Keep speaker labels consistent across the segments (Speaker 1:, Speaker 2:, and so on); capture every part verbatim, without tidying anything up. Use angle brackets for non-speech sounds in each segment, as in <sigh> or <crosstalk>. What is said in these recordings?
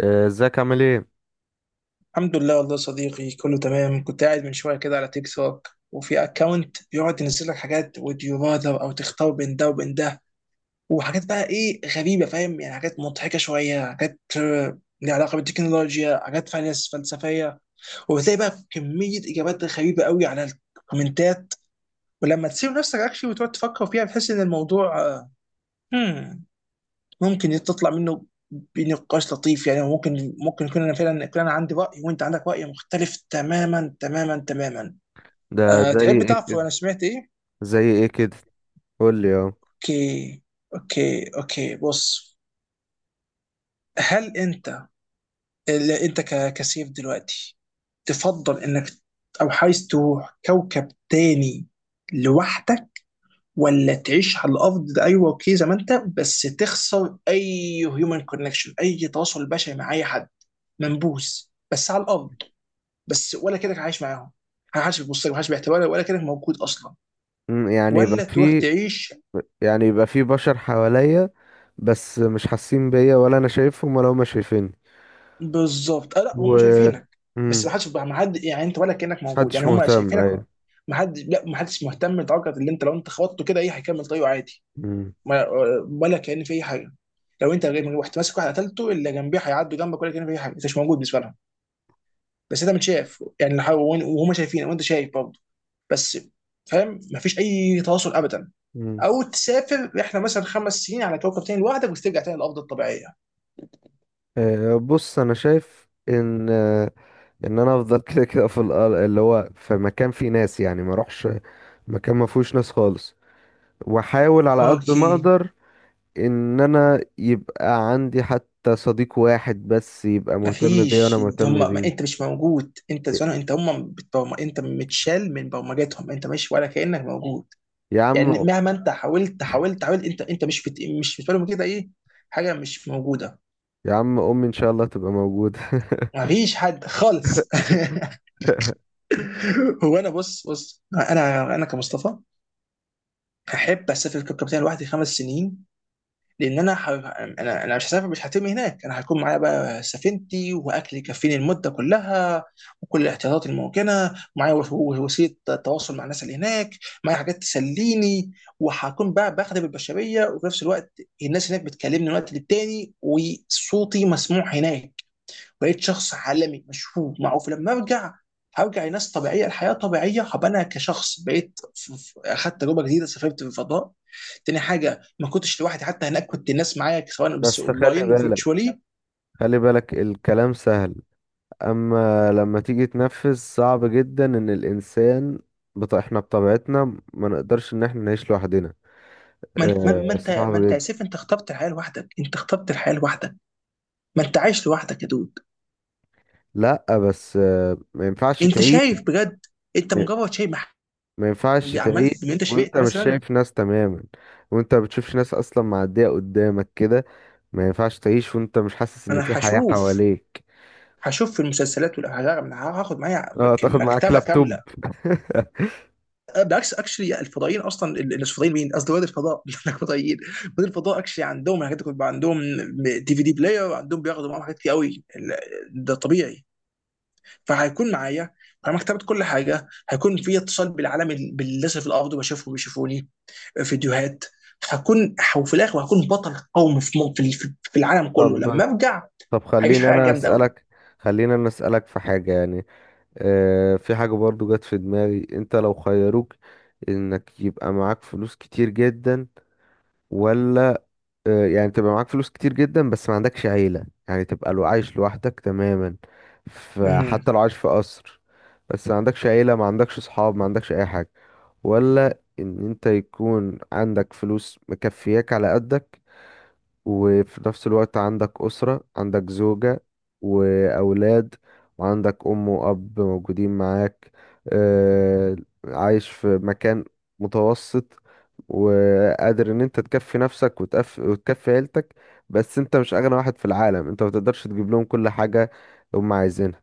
Speaker 1: آه، ازيك عامل ايه؟
Speaker 2: الحمد لله والله يا صديقي، كله تمام. كنت قاعد من شويه كده على تيك توك، وفي اكونت بيقعد ينزل لك حاجات would you rather، او تختار بين ده وبين ده. وحاجات بقى ايه غريبه، فاهم؟ يعني حاجات مضحكه شويه، حاجات آه، ليها علاقه بالتكنولوجيا، حاجات فلس فلسفيه. وبتلاقي بقى كميه اجابات غريبه قوي على الكومنتات. ولما تسيب نفسك اكشلي وتقعد تفكر فيها، بتحس ان الموضوع آه، hmm ممكن تطلع منه بنقاش لطيف، يعني ممكن ممكن يكون انا فعلا، يكون انا عندي راي وانت عندك راي مختلف تماما تماما تماما.
Speaker 1: ده
Speaker 2: أه،
Speaker 1: زي
Speaker 2: تحب
Speaker 1: ايه
Speaker 2: تعرف
Speaker 1: كده؟
Speaker 2: انا سمعت ايه؟
Speaker 1: زي ايه كده؟ قول لي اهو.
Speaker 2: اوكي، اوكي، اوكي، بص. هل انت، اللي انت ك- كسيف دلوقتي، تفضل انك، او عايز تروح كوكب تاني لوحدك، ولا تعيش على الارض ده؟ ايوه، اوكي، زي ما انت بس تخسر اي هيومن كونكشن، اي تواصل بشري مع اي حد، منبوذ بس على الارض، بس ولا كانك عايش معاهم، محدش بيبص لك، محدش بيعتبرك، ولا كانك موجود اصلا،
Speaker 1: مم، يعني يبقى
Speaker 2: ولا تروح
Speaker 1: في
Speaker 2: تعيش؟
Speaker 1: يعني يبقى في بشر حواليا، بس مش حاسين بيا ولا انا شايفهم ولا هما شايفيني.
Speaker 2: بالظبط. آه لا، هم
Speaker 1: و
Speaker 2: شايفينك بس
Speaker 1: مم،
Speaker 2: محدش، ما حد يعني انت ولا كانك موجود،
Speaker 1: محدش
Speaker 2: يعني هم
Speaker 1: مهتم،
Speaker 2: شايفينك.
Speaker 1: ايوه.
Speaker 2: ما حد لا ما حدش مهتم، لدرجه اللي انت لو انت خبطته كده ايه، هيكمل طريقه عادي.
Speaker 1: مم،
Speaker 2: ما- ولا كان في اي حاجه. لو انت غير رحت ماسك واحد قتلته، اللي جنبيه هيعدوا جنبك ولا كان في اي حاجه. انت مش موجود بالنسبه لهم. بس انت متشاف، يعني لو- وهم شايفينك وانت شايف برضه، بس، فاهم؟ مفيش اي تواصل ابدا.
Speaker 1: مم.
Speaker 2: او تسافر رحله مثلا خمس سنين على كوكب تاني لوحدك، وترجع تاني للارض الطبيعيه.
Speaker 1: آه، بص انا شايف ان آه، ان انا افضل <laughs> كده كده في الأرض، اللي هو في مكان فيه ناس، يعني ما اروحش مكان ما فيهوش ناس خالص، واحاول على قد ما
Speaker 2: اوكي،
Speaker 1: اقدر ان انا يبقى عندي حتى صديق واحد بس يبقى مهتم بيا وانا
Speaker 2: مفيش. هم
Speaker 1: مهتم
Speaker 2: ما انت
Speaker 1: بيه.
Speaker 2: مش موجود، انت
Speaker 1: ي-
Speaker 2: زمان انت هم بتبرم، انت متشال من برمجتهم، انت مش، ولا كانك موجود.
Speaker 1: يا
Speaker 2: يعني
Speaker 1: عم،
Speaker 2: مهما انت حاولت حاولت حاولت، انت انت مش بت، مش بالنسبه لهم كده ايه، حاجه مش موجوده.
Speaker 1: يا عم امي ان شاء الله تبقى موجودة.
Speaker 2: مفيش حد خالص.
Speaker 1: <laughs>
Speaker 2: <laughs> هو انا، بص بص، انا انا كمصطفى، احب اسافر كوكب تاني لوحدي خمس سنين. لان انا ح... انا انا مش هسافر، مش هترمي هناك، انا هيكون معايا بقى سفينتي واكل يكفيني المده كلها، وكل الاحتياطات الممكنه معايا، وس- وسيله تواصل مع الناس اللي هناك، معايا حاجات تسليني، وهكون بقى بخدم البشريه، وفي نفس الوقت الناس هناك بتكلمني من وقت للتاني وصوتي مسموع هناك. بقيت شخص عالمي مشهور معروف لما ارجع. هرجع لناس طبيعيه، الحياه طبيعيه، هبقى انا كشخص بقيت ف- ف- اخدت تجربه جديده، سافرت في الفضاء. تاني حاجه، ما كنتش لوحدي حتى هناك، كنت الناس معايا سواء، بس
Speaker 1: بس خلي
Speaker 2: اونلاين
Speaker 1: بالك،
Speaker 2: وفيرتشوالي.
Speaker 1: خلي بالك الكلام سهل، اما لما تيجي تنفذ صعب جدا، ان الانسان بط... احنا بطبيعتنا ما نقدرش ان احنا نعيش لوحدنا.
Speaker 2: ما انت ما
Speaker 1: آه،
Speaker 2: ما انت ما
Speaker 1: صعب
Speaker 2: انت يا
Speaker 1: جدا.
Speaker 2: سيف، انت اخترت الحياه لوحدك، انت اخترت الحياه لوحدك. ما انت عايش لوحدك يا دود.
Speaker 1: لا، بس آه، ما ينفعش
Speaker 2: انت
Speaker 1: تعيش.
Speaker 2: شايف بجد؟ انت مجرد شايف، مح-
Speaker 1: ما ينفعش تعيش
Speaker 2: عملت ان انت
Speaker 1: وانت
Speaker 2: شبعت
Speaker 1: مش
Speaker 2: مثلا؟
Speaker 1: شايف ناس تماما، وانت ما بتشوفش ناس اصلا معدية قدامك كده. ما ينفعش تعيش وانت مش حاسس ان
Speaker 2: انا
Speaker 1: في حياة
Speaker 2: هشوف،
Speaker 1: حواليك.
Speaker 2: هشوف في المسلسلات، ولا هاخد معايا
Speaker 1: اه، تاخد معاك
Speaker 2: مكتبه كامله.
Speaker 1: لابتوب. <laughs>
Speaker 2: آه، بالعكس، اكشلي الفضائيين اصلا، ال- مش فضائيين، مين قصدي، رواد الفضاء <laughs> مش هناك فضائيين. رواد الفضاء اكشلي عندهم الحاجات دي كلها، بيبقى عندهم دي في دي بلاير، عندهم بياخدوا معاهم حاجات كتير قوي ال- ده طبيعي. فهيكون معايا انا مكتبه، كل حاجه، هيكون في اتصال بالعالم، ال- بالناس اللي في الارض، بشوفهم بيشوفوني، فيديوهات. هكون ح- وفي الاخر هكون بطل قومي في م- في ال- في العالم كله لما
Speaker 1: طب،
Speaker 2: ارجع.
Speaker 1: طب
Speaker 2: هعيش
Speaker 1: خليني
Speaker 2: حياه
Speaker 1: انا
Speaker 2: جامده قوي.
Speaker 1: اسالك خليني انا اسالك في حاجه يعني. آه، في حاجه برضو جت في دماغي. انت لو خيروك انك يبقى معاك فلوس كتير جدا، ولا آه، يعني تبقى معاك فلوس كتير جدا بس ما عندكش عيلة، يعني تبقى لو عايش لوحدك تماما، فحتى لو عايش في قصر بس ما عندكش عيلة، ما عندكش صحاب، ما عندكش اي حاجة؛ ولا ان انت يكون عندك فلوس مكفياك على قدك، وفي نفس الوقت عندك أسرة، عندك زوجة وأولاد، وعندك أم وأب موجودين معاك، آه، عايش في مكان متوسط، وقادر إن أنت تكفي نفسك وتكفي, وتكفي عيلتك، بس أنت مش أغنى واحد في العالم، أنت متقدرش تجيب لهم كل حاجة هم عايزينها.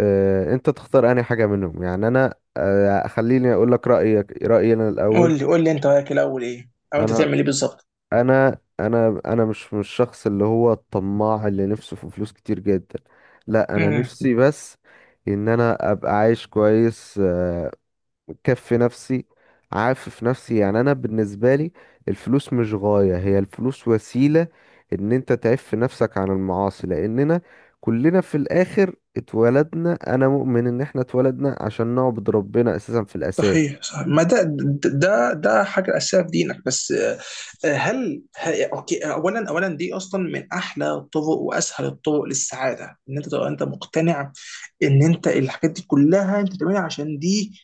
Speaker 1: آه، أنت تختار أي حاجة منهم؟ يعني أنا آه، خليني أقول لك رأيك رأيي أنا الأول.
Speaker 2: قول لي قول لي انت رايك الاول ايه، او انت
Speaker 1: أنا
Speaker 2: تعمل ايه بالظبط.
Speaker 1: انا انا انا مش مش الشخص اللي هو الطماع اللي نفسه في فلوس كتير جدا، لا انا
Speaker 2: مم.
Speaker 1: نفسي بس ان انا ابقى عايش كويس، آه، مكفي نفسي، عافف نفسي. يعني انا بالنسبه لي الفلوس مش غايه، هي الفلوس وسيله ان انت تعف نفسك عن المعاصي، لاننا كلنا في الاخر اتولدنا. انا مؤمن ان احنا اتولدنا عشان نعبد ربنا اساسا في الاساس.
Speaker 2: صحيح صحيح، ما ده ده ده حاجه اساسيه في دينك، بس. آه، هل ه- اوكي، اولا اولا دي اصلا من احلى الطرق واسهل الطرق للسعاده، ان انت تبقى انت مقتنع ان انت الحاجات دي كلها انت بتعملها عشان دي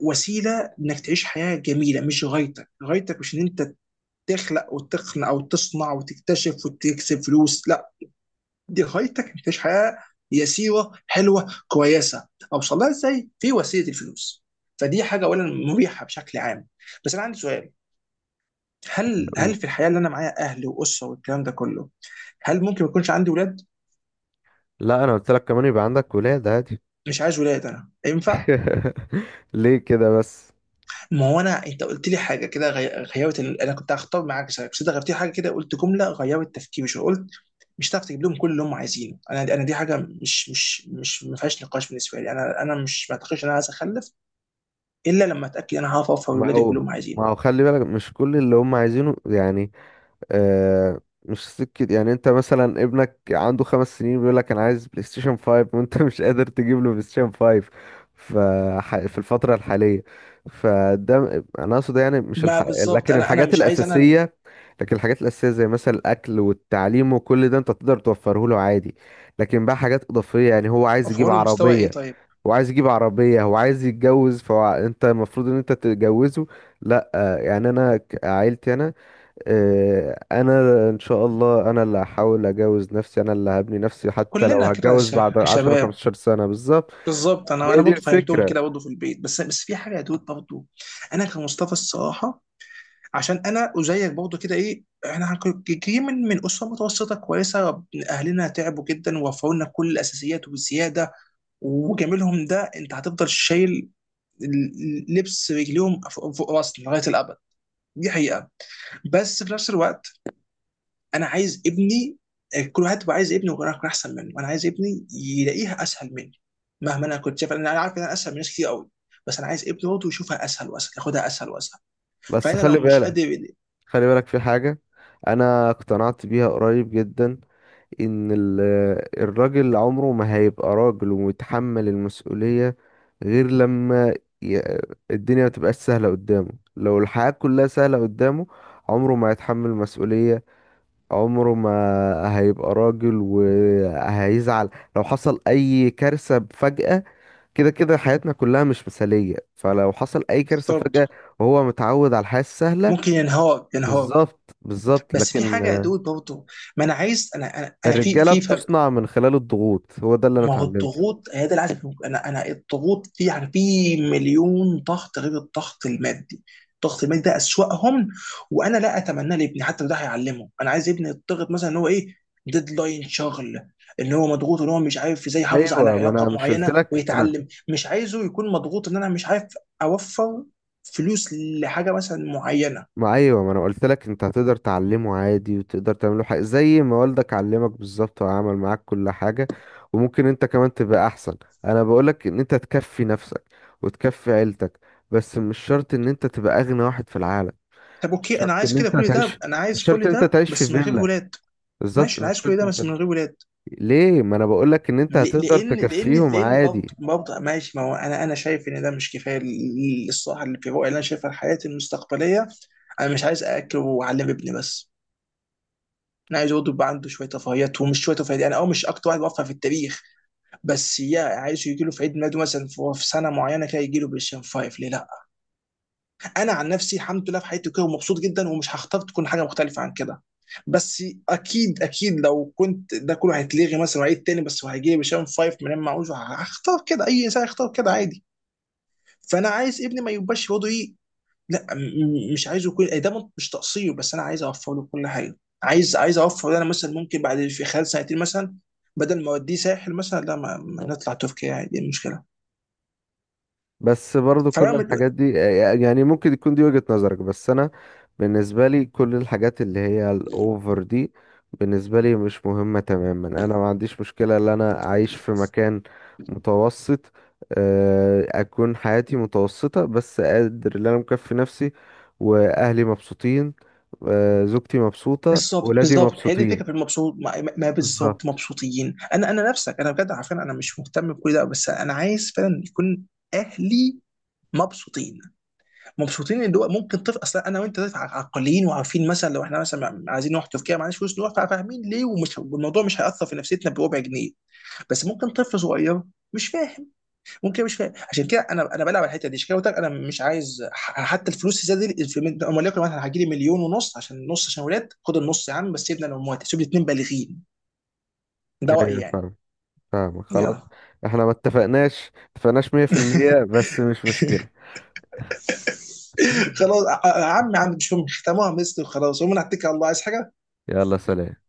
Speaker 2: وسيله انك تعيش حياه جميله، مش غايتك. غايتك مش ان انت تخلق وتقنع، او تصنع وتكتشف وتكسب فلوس، لا. دي غايتك انك تعيش حياه يسيره حلوه كويسه. اوصل لها ازاي؟ في وسيله، الفلوس. فدي حاجه اولا مريحه بشكل عام. بس انا عندي سؤال. هل
Speaker 1: أقول.
Speaker 2: هل في الحياه اللي انا معايا اهل واسره والكلام ده كله، هل ممكن ما يكونش عندي ولاد؟
Speaker 1: لا، انا قلت لك كمان يبقى عندك ولاد.
Speaker 2: مش عايز ولاد انا، ينفع؟
Speaker 1: <laughs> ليه كده بس؟
Speaker 2: ما هو انا، انت قلت لي حاجه كده غي- غيرت ال، انا كنت هختار معاك سبب بس انت غيرت لي حاجه كده، قلت جمله غيرت تفكيري شويه، قلت مش هتعرف تجيب لهم كل اللي هم عايزينه. انا انا دي حاجه مش مش مش ما فيهاش نقاش بالنسبه لي. انا انا مش، ما اعتقدش ان انا عايز اخلف الا لما اتاكد انا هعرف ارفع
Speaker 1: ما
Speaker 2: لاولادي
Speaker 1: هو
Speaker 2: كلهم
Speaker 1: ما
Speaker 2: عايزين.
Speaker 1: هو خلي بالك مش كل اللي هم عايزينه يعني. آه، مش سكة. يعني انت مثلا ابنك عنده خمس سنين بيقول لك انا عايز بلاي ستيشن فايف، <laughs> وانت مش قادر تجيب له بلاي ستيشن فايف ف في الفترة الحالية. فده م- انا اقصد يعني مش
Speaker 2: ما
Speaker 1: الح...
Speaker 2: بالظبط،
Speaker 1: لكن
Speaker 2: انا انا
Speaker 1: الحاجات
Speaker 2: مش عايز انا ال-
Speaker 1: الأساسية، لكن الحاجات الأساسية زي مثلا الأكل والتعليم وكل ده انت تقدر توفره له عادي. لكن بقى حاجات إضافية، يعني هو عايز
Speaker 2: ارفع
Speaker 1: يجيب
Speaker 2: له مستوى ايه
Speaker 1: عربية
Speaker 2: طيب.
Speaker 1: هو عايز يجيب عربية هو عايز يتجوز، فانت المفروض ان انت تتجوزه. لا، آه، يعني انا ك- عيلتي انا، آه، انا ان شاء الله انا اللي هحاول اجوز نفسي، انا اللي هبني نفسي، حتى لو
Speaker 2: كلنا كده
Speaker 1: هتجوز
Speaker 2: ش-
Speaker 1: بعد عشرة
Speaker 2: كشباب.
Speaker 1: 15 سنة، بالظبط
Speaker 2: بالظبط، انا انا
Speaker 1: هي دي
Speaker 2: برضه فهمتهم
Speaker 1: الفكرة.
Speaker 2: كده برضه في البيت بس، بس في حاجه يا دود برضه. انا كمصطفى الصراحه، عشان انا زيك برضه كده ايه، احنا جايين من من اسره متوسطه كويسه. اهلنا تعبوا جدا ووفروا لنا كل الاساسيات والزياده، وجميلهم ده انت هتفضل شايل ال- لبس رجليهم فوق فوق راسنا لغايه الابد. دي حقيقه. بس في نفس الوقت، انا عايز ابني، آه، كل واحد بيبقى عايز ابنه يكون، يكون احسن منه. انا عايز ابني يلاقيها اسهل مني، مهما انا كنت شايف. انا أنا عارف ان انا اسهل من ناس كتير قوي، بس انا عايز ابني برضه يشوفها اسهل واسهل، ياخدها اسهل واسهل.
Speaker 1: بس
Speaker 2: فانا لو
Speaker 1: خلي
Speaker 2: مش
Speaker 1: بالك،
Speaker 2: قادر،
Speaker 1: خلي بالك في حاجة انا اقتنعت بيها قريب جدا، ان ال- الراجل عمره ما هيبقى راجل ومتحمل المسؤولية غير لما ي- الدنيا ما تبقاش سهلة قدامه. لو الحياة كلها سهلة قدامه عمره ما هيتحمل مسؤولية، عمره ما هيبقى راجل وهيزعل لو حصل اي كارثة فجأة. كده كده حياتنا كلها مش مثالية، فلو حصل اي كارثة
Speaker 2: بالظبط،
Speaker 1: فجأة وهو متعود على الحياة السهلة،
Speaker 2: ممكن ينهار ينهار.
Speaker 1: بالظبط، بالظبط،
Speaker 2: بس في
Speaker 1: لكن
Speaker 2: حاجه يا
Speaker 1: آه،
Speaker 2: دود برضه، ما انا عايز، انا انا, أنا في
Speaker 1: الرجالة
Speaker 2: في
Speaker 1: بتصنع من خلال الضغوط، هو ده اللي انا
Speaker 2: ما هو
Speaker 1: اتعلمته.
Speaker 2: الضغوط هي ده العزف. انا انا الضغوط دي يعني في مليون ضغط غير الضغط المادي. الضغط المادي ده اسوأهم، وانا لا اتمناه لابني حتى لو ده هيعلمه. انا عايز ابني يضغط مثلا ان هو ايه، ديدلاين شغل، ان هو مضغوط، ان هو مش عارف ازاي يحافظ على
Speaker 1: ايوه، ما
Speaker 2: علاقه
Speaker 1: انا مش قلت
Speaker 2: معينه
Speaker 1: لك انا؟
Speaker 2: ويتعلم. مش عايزه يكون مضغوط ان انا مش عارف اوفر فلوس لحاجه مثلا معينه.
Speaker 1: ما ايوه، ما انا قلت لك انت هتقدر تعلمه عادي، وتقدر تعمله حاجه زي ما والدك علمك بالظبط وعمل معاك كل حاجه، وممكن انت كمان تبقى احسن. انا بقولك ان انت تكفي نفسك وتكفي عيلتك، بس مش شرط ان انت تبقى اغنى واحد في العالم.
Speaker 2: طب
Speaker 1: مش
Speaker 2: اوكي، انا
Speaker 1: شرط
Speaker 2: عايز
Speaker 1: ان
Speaker 2: كده،
Speaker 1: انت
Speaker 2: كل ده،
Speaker 1: تعيش
Speaker 2: انا
Speaker 1: مش
Speaker 2: عايز
Speaker 1: شرط
Speaker 2: كل
Speaker 1: ان انت
Speaker 2: ده
Speaker 1: تعيش في
Speaker 2: بس من غير
Speaker 1: فيلا،
Speaker 2: ولاد.
Speaker 1: بالظبط
Speaker 2: ماشي، انا
Speaker 1: مش
Speaker 2: عايز كل
Speaker 1: شرط
Speaker 2: ده بس
Speaker 1: انت.
Speaker 2: من غير ولاد.
Speaker 1: ليه؟ ما انا بقولك ان انت
Speaker 2: ل-
Speaker 1: هتقدر
Speaker 2: لان لان
Speaker 1: تكفيهم
Speaker 2: لان برضه
Speaker 1: عادي.
Speaker 2: برضه، ماشي، ما هو انا انا شايف ان ده مش كفايه لل- للصراحه، اللي في الرؤيه اللي انا شايفها حياتي المستقبليه. انا مش عايز اكل واعلم ابني بس، انا عايز برضه يبقى عنده شويه رفاهيات. ومش شويه رفاهيات، انا اه مش اكتر واحد بوفر في التاريخ، بس يا عايزه يجي له في عيد ميلاده مثلا في في سنه معينه كده، يجي له بالشام فايف، ليه لا؟ انا عن نفسي الحمد لله في حياتي كده ومبسوط جدا، ومش هختار تكون حاجه مختلفه عن كده، بس اكيد اكيد لو كنت ده كله هيتلغي مثلا وعيد تاني بس، وهيجي بشام فايف من معوش، هختار كده. اي انسان هيختار كده عادي. فانا عايز ابني ما يبقاش برضه ايه، لا. م- م- مش عايزه يكون إيه، ده مش تقصير، بس انا عايز اوفر له كل حاجه. عايز عايز اوفر له، انا مثلا ممكن بعد، في خلال سنتين مثلا، بدل ما اوديه ساحل مثلا، لا، ما ما نطلع تركيا عادي، إيه المشكله؟
Speaker 1: بس برضو كل
Speaker 2: فانا
Speaker 1: الحاجات دي، آه، آه، يعني ممكن يكون دي وجهة نظرك، بس انا بالنسبة لي كل الحاجات اللي هي الاوفر دي بالنسبة لي مش مهمة تماما. انا ما عنديش مشكلة ان انا اعيش في مكان متوسط، آه، اكون حياتي متوسطة، بس قادر ان انا مكفي نفسي، واهلي مبسوطين، آه، زوجتي مبسوطة،
Speaker 2: بالظبط
Speaker 1: ولادي
Speaker 2: بالظبط، هي دي
Speaker 1: مبسوطين.
Speaker 2: الفكره، في المبسوط، ما, ما بالظبط،
Speaker 1: بالظبط.
Speaker 2: مبسوطين، انا انا نفسك انا بجد، عارفين انا مش مهتم بكل ده بس انا عايز فعلا يكون اهلي مبسوطين، مبسوطين. اللي هو ممكن طفل اصلا، انا وانت طفل ع- عاقلين وعارفين مثلا لو احنا مثلا عايزين نروح تركيا معناش فلوس نروح، فاهمين ليه، ومش، والموضوع مش هياثر في نفسيتنا بربع جنيه. بس ممكن طفل صغير مش فاهم، ممكن مش فاهم. عشان كده انا انا بلعب على الحته دي. عشان كده قلت لك انا مش عايز ح- حتى الفلوس الزياده دي، في- من- وليكن مثلا هجي لي مليون ونص، عشان نص عشان ولاد، خد النص يا عم بس سيبنا انا وامواتي، سيب لي اتنين بالغين. ده رايي
Speaker 1: ايوه،
Speaker 2: يعني.
Speaker 1: فاهم، فاهم، خلاص.
Speaker 2: يا.
Speaker 1: احنا ما اتفقناش اتفقناش مية بالمية،
Speaker 2: <laughs>
Speaker 1: بس مش مشكلة.
Speaker 2: خلاص،
Speaker 1: <laughs>
Speaker 2: ع- ع- عمي عندي مش مهم، ختموها مثل وخلاص، ومن على الله، عايز حاجه؟
Speaker 1: يلا، سلام.